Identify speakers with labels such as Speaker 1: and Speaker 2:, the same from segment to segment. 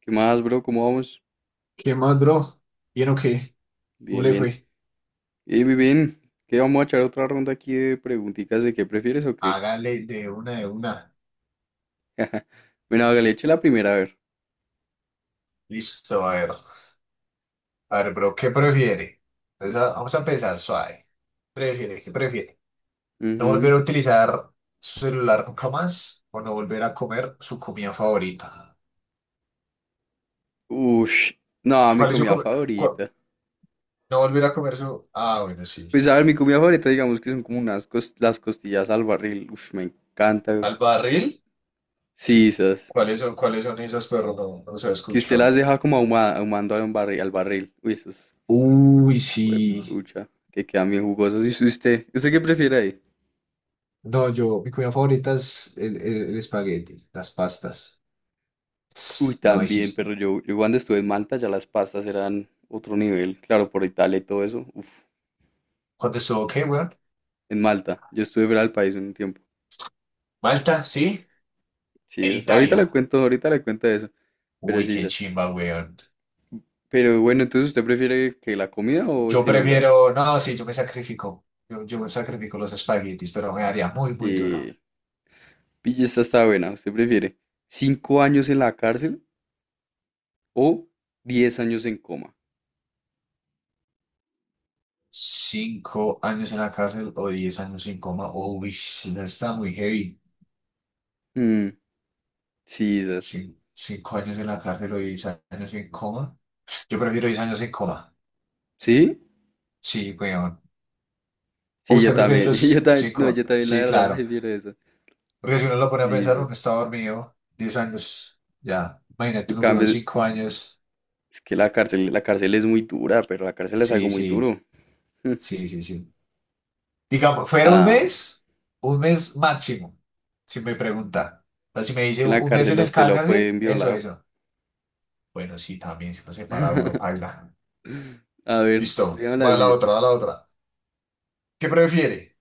Speaker 1: ¿Qué más, bro? ¿Cómo vamos?
Speaker 2: ¿Qué más, bro? ¿Bien o qué? ¿Cómo
Speaker 1: Bien,
Speaker 2: le
Speaker 1: bien.
Speaker 2: fue?
Speaker 1: Bien, bien, bien. ¿Qué vamos a echar otra ronda aquí de preguntitas de qué prefieres o qué?
Speaker 2: Hágale de una de una.
Speaker 1: Bueno, hágale, eche la primera, a ver.
Speaker 2: Listo, a ver. A ver, bro, ¿qué prefiere? Entonces, vamos a empezar suave. ¿Prefiere? ¿Qué prefiere? ¿No
Speaker 1: Ujú.
Speaker 2: volver a utilizar su celular nunca más o no volver a comer su comida favorita?
Speaker 1: Ush. No, mi
Speaker 2: ¿Cuál es su
Speaker 1: comida
Speaker 2: comida?
Speaker 1: favorita.
Speaker 2: ¿No volver a comer su...? Ah, bueno, sí.
Speaker 1: Pues a ver, mi comida favorita, digamos que son como las costillas al barril. Ush, me encanta.
Speaker 2: ¿Al barril?
Speaker 1: Sí, esas.
Speaker 2: Cuáles son esas, pero no, no se ha
Speaker 1: Que usted las
Speaker 2: escuchado?
Speaker 1: deja como ahumando al barril, al barril. Uy, esas.
Speaker 2: Uy, sí.
Speaker 1: Pucha, que quedan bien jugosas. ¿Y usted? ¿Usted qué prefiere ahí?
Speaker 2: No, yo, mi comida favorita es el espagueti, las pastas.
Speaker 1: Uy,
Speaker 2: No, ahí
Speaker 1: también,
Speaker 2: sí.
Speaker 1: pero yo cuando estuve en Malta ya las pastas eran otro nivel, claro, por Italia y todo eso. Uf,
Speaker 2: Contestó, ok, weón.
Speaker 1: en Malta. Yo estuve fuera del país un tiempo.
Speaker 2: Malta, sí.
Speaker 1: Sí,
Speaker 2: En Italia.
Speaker 1: ahorita le cuento eso, pero
Speaker 2: Uy,
Speaker 1: sí,
Speaker 2: qué
Speaker 1: sas.
Speaker 2: chimba, weón.
Speaker 1: Pero bueno, entonces usted prefiere que la comida o el
Speaker 2: Yo
Speaker 1: celular.
Speaker 2: prefiero, no, sí, yo me sacrifico. Yo me sacrifico los espaguetis, pero me daría muy, muy duro.
Speaker 1: Eh, pille esta está buena. ¿Usted prefiere 5 años en la cárcel o 10 años en coma?
Speaker 2: Cinco años en la cárcel o 10 años en coma. Uy, sí, no está muy heavy.
Speaker 1: Mm, sí, sas.
Speaker 2: 5 años en la cárcel o diez años en coma. Yo prefiero 10 años en coma.
Speaker 1: ¿Sí?
Speaker 2: Sí, weón. ¿O
Speaker 1: Sí, yo
Speaker 2: usted prefiere
Speaker 1: también. Yo
Speaker 2: los
Speaker 1: también, no,
Speaker 2: cinco?
Speaker 1: yo también la
Speaker 2: Sí,
Speaker 1: verdad
Speaker 2: claro.
Speaker 1: prefiero eso.
Speaker 2: Porque si uno lo pone a
Speaker 1: Sí,
Speaker 2: pensar,
Speaker 1: sas.
Speaker 2: uno está dormido 10 años, ya.
Speaker 1: En
Speaker 2: Imagínate un huevón
Speaker 1: cambio,
Speaker 2: 5 años.
Speaker 1: es que la cárcel es muy dura, pero la cárcel es algo
Speaker 2: Sí,
Speaker 1: muy
Speaker 2: sí,
Speaker 1: duro. Hmm.
Speaker 2: sí, sí, sí. Digamos, fuera
Speaker 1: Ah,
Speaker 2: un mes máximo, si me pregunta. O sea, si me dice
Speaker 1: en la
Speaker 2: un mes en
Speaker 1: cárcel a
Speaker 2: el
Speaker 1: usted lo
Speaker 2: cárcel,
Speaker 1: pueden
Speaker 2: eso,
Speaker 1: violar.
Speaker 2: eso. Bueno, sí, también, si no se para uno, paila.
Speaker 1: A ver,
Speaker 2: Listo,
Speaker 1: dígame
Speaker 2: va la
Speaker 1: así.
Speaker 2: otra, va la otra. ¿Qué prefiere?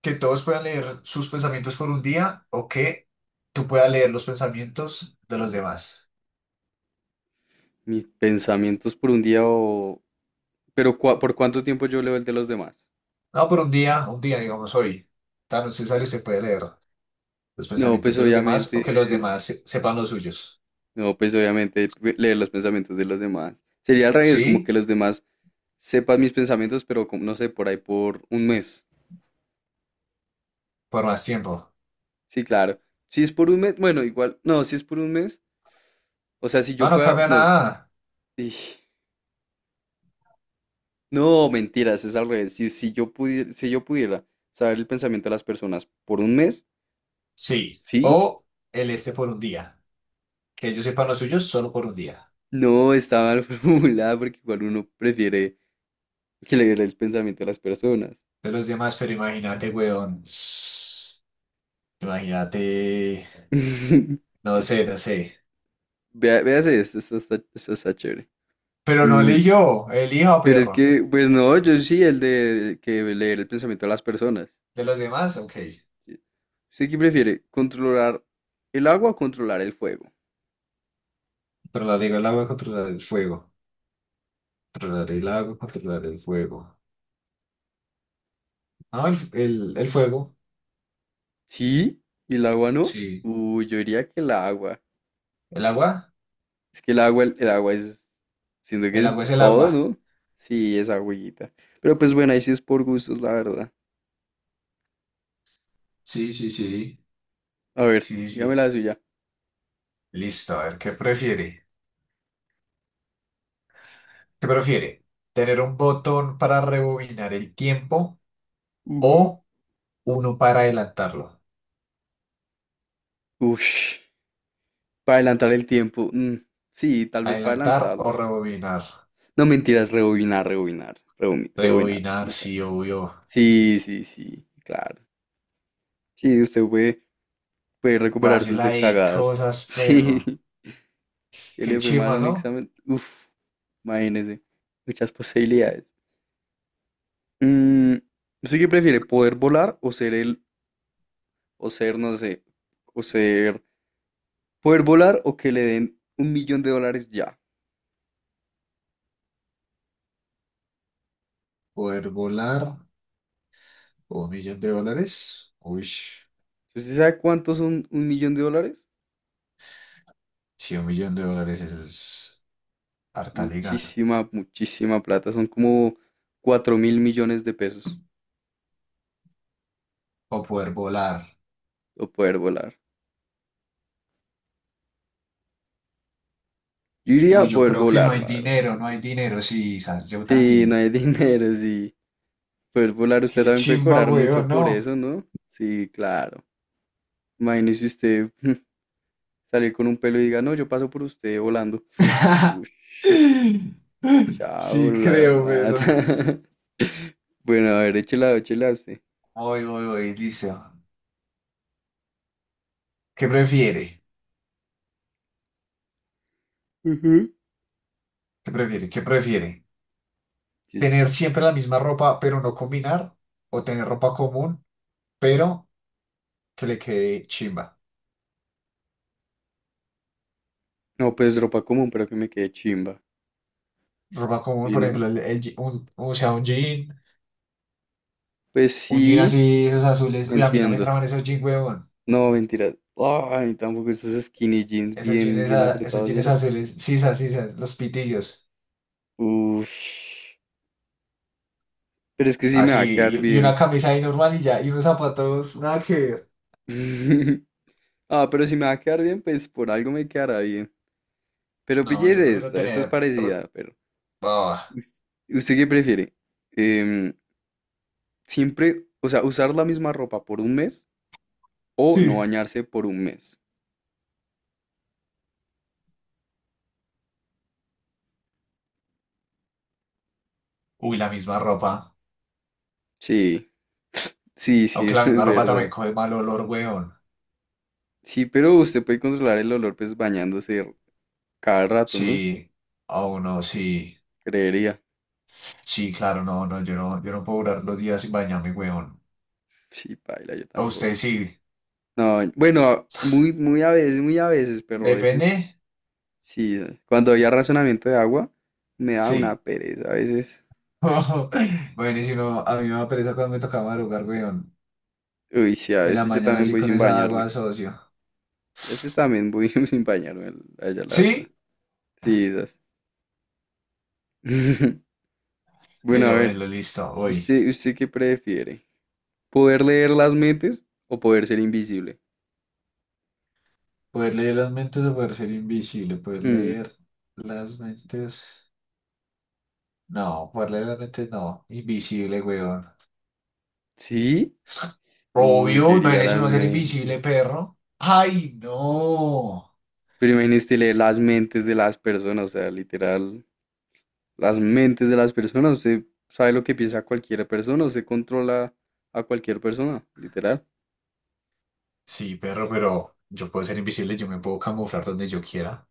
Speaker 2: ¿Que todos puedan leer sus pensamientos por un día o que tú puedas leer los pensamientos de los demás?
Speaker 1: Mis pensamientos por un día o... Pero ¿por cuánto tiempo yo leo el de los demás?
Speaker 2: No, pero un día, digamos hoy, tan necesario se puede leer los
Speaker 1: No,
Speaker 2: pensamientos
Speaker 1: pues
Speaker 2: de los demás o que los
Speaker 1: obviamente
Speaker 2: demás
Speaker 1: es...
Speaker 2: sepan los suyos.
Speaker 1: No, pues obviamente leer los pensamientos de los demás. Sería al revés, como que
Speaker 2: Sí,
Speaker 1: los demás sepan mis pensamientos, pero como, no sé, por ahí por un mes.
Speaker 2: por más tiempo.
Speaker 1: Sí, claro. Si es por un mes, bueno, igual, no, si es por un mes, o sea, si
Speaker 2: No,
Speaker 1: yo
Speaker 2: no
Speaker 1: pueda,
Speaker 2: cambia
Speaker 1: no, si
Speaker 2: nada.
Speaker 1: sí. No, mentiras, es al revés. Si yo pudiera, si yo pudiera saber el pensamiento de las personas por un mes,
Speaker 2: Sí.
Speaker 1: ¿sí?
Speaker 2: O el este por un día. Que ellos sepan los suyos solo por un día.
Speaker 1: No, está mal formulada porque igual uno prefiere que leer el pensamiento de las personas.
Speaker 2: De los demás, pero imagínate, weón. Imagínate. No sé, no sé.
Speaker 1: Vea, véase esto, esto está chévere.
Speaker 2: Pero no
Speaker 1: Mm,
Speaker 2: eligió, elija
Speaker 1: pero es
Speaker 2: perro.
Speaker 1: que, pues no, yo sí, el de que leer el pensamiento de las personas.
Speaker 2: De los demás, ok.
Speaker 1: Sí. ¿Usted qué prefiere? ¿Controlar el agua o controlar el fuego?
Speaker 2: Controlar el agua, controlar el fuego. Controlar el agua, controlar el fuego. No, el fuego.
Speaker 1: ¿Sí? ¿Y el agua no?
Speaker 2: Sí,
Speaker 1: Uy, yo diría que el agua.
Speaker 2: ¿el agua?
Speaker 1: Es que el agua, el agua es, siento que
Speaker 2: El
Speaker 1: es
Speaker 2: agua es el
Speaker 1: todo,
Speaker 2: agua.
Speaker 1: ¿no? Sí, es agüita. Pero pues bueno, ahí sí es por gustos, la verdad.
Speaker 2: Sí, sí, sí.
Speaker 1: A ver,
Speaker 2: Sí,
Speaker 1: dígame
Speaker 2: sí.
Speaker 1: la suya.
Speaker 2: Listo, a ver, ¿qué prefiere? ¿Qué prefiere? ¿Tener un botón para rebobinar el tiempo
Speaker 1: Ujú.
Speaker 2: o uno para adelantarlo?
Speaker 1: Ush, para adelantar el tiempo. Mm, sí, tal vez para
Speaker 2: ¿Adelantar o
Speaker 1: adelantarlo.
Speaker 2: rebobinar?
Speaker 1: No mentiras, rebobinar, rebobinar, rebobinar,
Speaker 2: Rebobinar,
Speaker 1: sí, ¿sabes?
Speaker 2: sí, obvio.
Speaker 1: Sí, sí, sí, claro. Sí, usted puede, puede
Speaker 2: Puedes
Speaker 1: recuperar
Speaker 2: hacer
Speaker 1: sus
Speaker 2: la de
Speaker 1: cagadas.
Speaker 2: cosas,
Speaker 1: Sí,
Speaker 2: perro.
Speaker 1: que
Speaker 2: Qué
Speaker 1: le fue mal
Speaker 2: chima,
Speaker 1: un
Speaker 2: ¿no?
Speaker 1: examen. Uf, imagínese, muchas posibilidades. Mm, ¿usted qué prefiere? ¿Poder volar o ser o ser, no sé, o ser, poder volar o que le den $1.000.000 ya?
Speaker 2: Poder volar o un millón de dólares. Uy, sí,
Speaker 1: ¿Usted sí sabe cuántos son $1.000.000?
Speaker 2: un millón de dólares es harta liga.
Speaker 1: Muchísima, muchísima plata. Son como 4.000.000.000 de pesos.
Speaker 2: O poder volar.
Speaker 1: O poder volar. Yo iría
Speaker 2: Uy,
Speaker 1: a
Speaker 2: yo
Speaker 1: poder
Speaker 2: creo que no
Speaker 1: volar,
Speaker 2: hay
Speaker 1: la verdad.
Speaker 2: dinero, no hay dinero. Sí, Sas, yo
Speaker 1: Sí, no
Speaker 2: también.
Speaker 1: hay dinero, sí. Poder volar, usted
Speaker 2: Qué
Speaker 1: también puede
Speaker 2: chimba,
Speaker 1: cobrar mucho
Speaker 2: weón,
Speaker 1: por
Speaker 2: no.
Speaker 1: eso, ¿no? Sí, claro. Imagínese usted salir con un pelo y diga, no, yo paso por usted volando. Uy, chao,
Speaker 2: Sí,
Speaker 1: la
Speaker 2: creo, ¿verdad?
Speaker 1: mata. Bueno, a ver, échela, échela a usted.
Speaker 2: Voy, voy, voy, listo. ¿Qué prefiere?
Speaker 1: Ujú.
Speaker 2: ¿Qué prefiere? ¿Qué prefiere? ¿Tener
Speaker 1: Quizás.
Speaker 2: siempre la misma ropa, pero no combinar? ¿O tener ropa común, pero que le quede chimba?
Speaker 1: No, pues ropa común, pero que me quede chimba.
Speaker 2: Ropa común,
Speaker 1: ¿Y
Speaker 2: por
Speaker 1: no?
Speaker 2: ejemplo, el un, o sea,
Speaker 1: Pues
Speaker 2: un jean
Speaker 1: sí,
Speaker 2: así, esos azules. Uy, a mí no me
Speaker 1: entiendo.
Speaker 2: traban esos jeans, weón.
Speaker 1: No, mentira. Ay, tampoco estos skinny jeans
Speaker 2: Esos
Speaker 1: bien,
Speaker 2: jeans,
Speaker 1: bien
Speaker 2: esos
Speaker 1: apretados,
Speaker 2: jeans
Speaker 1: mira.
Speaker 2: azules, sisas, sisas, los pitillos.
Speaker 1: Uf. Pero es que sí me va a
Speaker 2: Así,
Speaker 1: quedar
Speaker 2: y una
Speaker 1: bien.
Speaker 2: camisa ahí normal y ya, y unos zapatos, nada que ver.
Speaker 1: Ah, pero si me va a quedar bien, pues por algo me quedará bien. Pero
Speaker 2: No, yo
Speaker 1: pillese
Speaker 2: prefiero
Speaker 1: esta, esta es
Speaker 2: tener.
Speaker 1: parecida, pero.
Speaker 2: Ah,
Speaker 1: Us- ¿Usted qué prefiere? Em, siempre, o sea, usar la misma ropa por un mes o no
Speaker 2: sí.
Speaker 1: bañarse por un mes.
Speaker 2: Uy, la misma ropa.
Speaker 1: Sí, sí, sí,
Speaker 2: Aunque
Speaker 1: es
Speaker 2: la misma ropa también
Speaker 1: verdad.
Speaker 2: coge mal olor, weón.
Speaker 1: Sí, pero usted puede controlar el olor pues bañándose cada rato, ¿no?
Speaker 2: Sí. Oh, no, sí.
Speaker 1: Creería.
Speaker 2: Sí, claro, no, no, yo no puedo durar 2 días sin bañarme, weón.
Speaker 1: Sí, paila, yo
Speaker 2: A usted
Speaker 1: tampoco.
Speaker 2: sí.
Speaker 1: No, bueno, muy, muy a veces, pero a
Speaker 2: Depende.
Speaker 1: veces, sí, cuando había razonamiento de agua, me da una
Speaker 2: Sí.
Speaker 1: pereza a veces.
Speaker 2: Bueno, y si no, a mí me da pereza cuando me toca madrugar, weón.
Speaker 1: Uy, sí, a
Speaker 2: En la
Speaker 1: veces yo
Speaker 2: mañana
Speaker 1: también
Speaker 2: así
Speaker 1: voy
Speaker 2: con
Speaker 1: sin
Speaker 2: esa agua,
Speaker 1: bañarme.
Speaker 2: socio.
Speaker 1: Yo a veces también voy sin bañarme, allá, la verdad.
Speaker 2: Sí,
Speaker 1: Sí, esas. Bueno, a
Speaker 2: pero
Speaker 1: ver,
Speaker 2: bueno, listo, voy.
Speaker 1: ¿usted qué prefiere? ¿Poder leer las mentes o poder ser invisible?
Speaker 2: Poder leer las mentes o poder ser invisible. Poder
Speaker 1: Mm,
Speaker 2: leer las mentes. No, poder leer las mentes no. Invisible, weón.
Speaker 1: ¿sí? Uy, yo
Speaker 2: Obvio,
Speaker 1: iría a
Speaker 2: imagínese
Speaker 1: las
Speaker 2: uno ser invisible,
Speaker 1: mentes.
Speaker 2: perro. ¡Ay, no!
Speaker 1: Pero imagínese leer las mentes de las personas, o sea, literal, las mentes de las personas. Usted sabe lo que piensa cualquier persona, usted controla a cualquier persona, literal.
Speaker 2: Sí, perro, pero yo puedo ser invisible, yo me puedo camuflar donde yo quiera.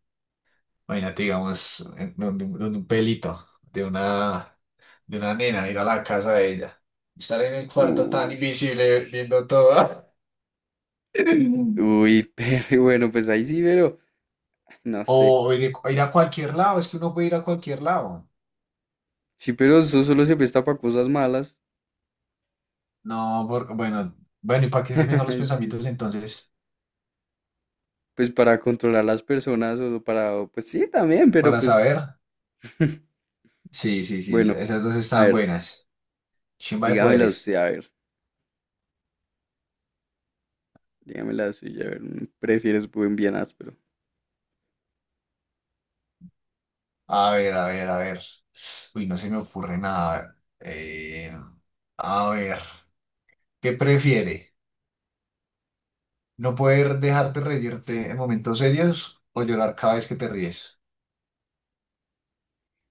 Speaker 2: Imagínate, digamos, donde un pelito de una nena, ir a la casa de ella. Estar en el cuarto tan
Speaker 1: Uy,
Speaker 2: invisible viendo todo.
Speaker 1: pero bueno, pues ahí sí, pero no sé.
Speaker 2: O ir a cualquier lado, es que uno puede ir a cualquier lado.
Speaker 1: Sí, pero eso solo se presta para cosas malas.
Speaker 2: No, bueno, bueno, ¿y para qué se me salen los
Speaker 1: Sí,
Speaker 2: pensamientos entonces?
Speaker 1: pues para controlar las personas o para, o, pues sí, también, pero
Speaker 2: Para
Speaker 1: pues
Speaker 2: saber. Sí, sí, sí,
Speaker 1: bueno,
Speaker 2: esas dos
Speaker 1: a
Speaker 2: están
Speaker 1: ver,
Speaker 2: buenas. Chimba de
Speaker 1: dígamela usted,
Speaker 2: poderes.
Speaker 1: a ver, dígamela suya, a ver, ¿prefieres buen bien áspero?
Speaker 2: A ver, a ver, a ver. Uy, no se me ocurre nada. A ver, ¿qué prefiere? ¿No poder dejarte reírte en momentos serios o llorar cada vez que te ríes?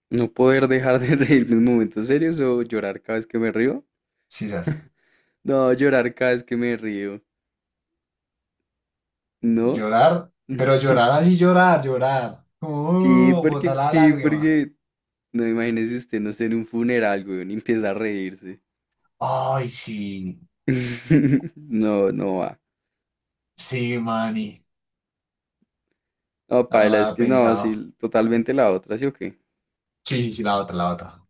Speaker 1: ¿No poder dejar de reírme en momentos serios o llorar cada vez que me río?
Speaker 2: Sí, sas.
Speaker 1: No, llorar cada vez que me río, ¿no?
Speaker 2: Llorar, pero llorar así, llorar, llorar. Como, uh, botar la
Speaker 1: Sí,
Speaker 2: lágrima.
Speaker 1: porque, no imagínese usted, no sé, en un funeral, güey, y empieza a reírse.
Speaker 2: Ay, sí,
Speaker 1: No, no va.
Speaker 2: sí, mani.
Speaker 1: No,
Speaker 2: No, no lo
Speaker 1: paila, es
Speaker 2: había
Speaker 1: que no,
Speaker 2: pensado.
Speaker 1: sí, totalmente la otra, ¿sí o qué?
Speaker 2: Sí, sí, sí, la otra, la otra.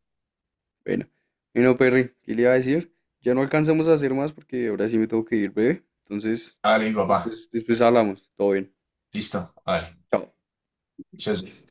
Speaker 1: Bueno, bueno, Perry, ¿qué le iba a decir? Ya no alcanzamos a hacer más porque ahora sí me tengo que ir breve. Entonces,
Speaker 2: Hágale, mi papá.
Speaker 1: después, después hablamos. Todo bien.
Speaker 2: Listo, hágale.
Speaker 1: Chao.
Speaker 2: Yo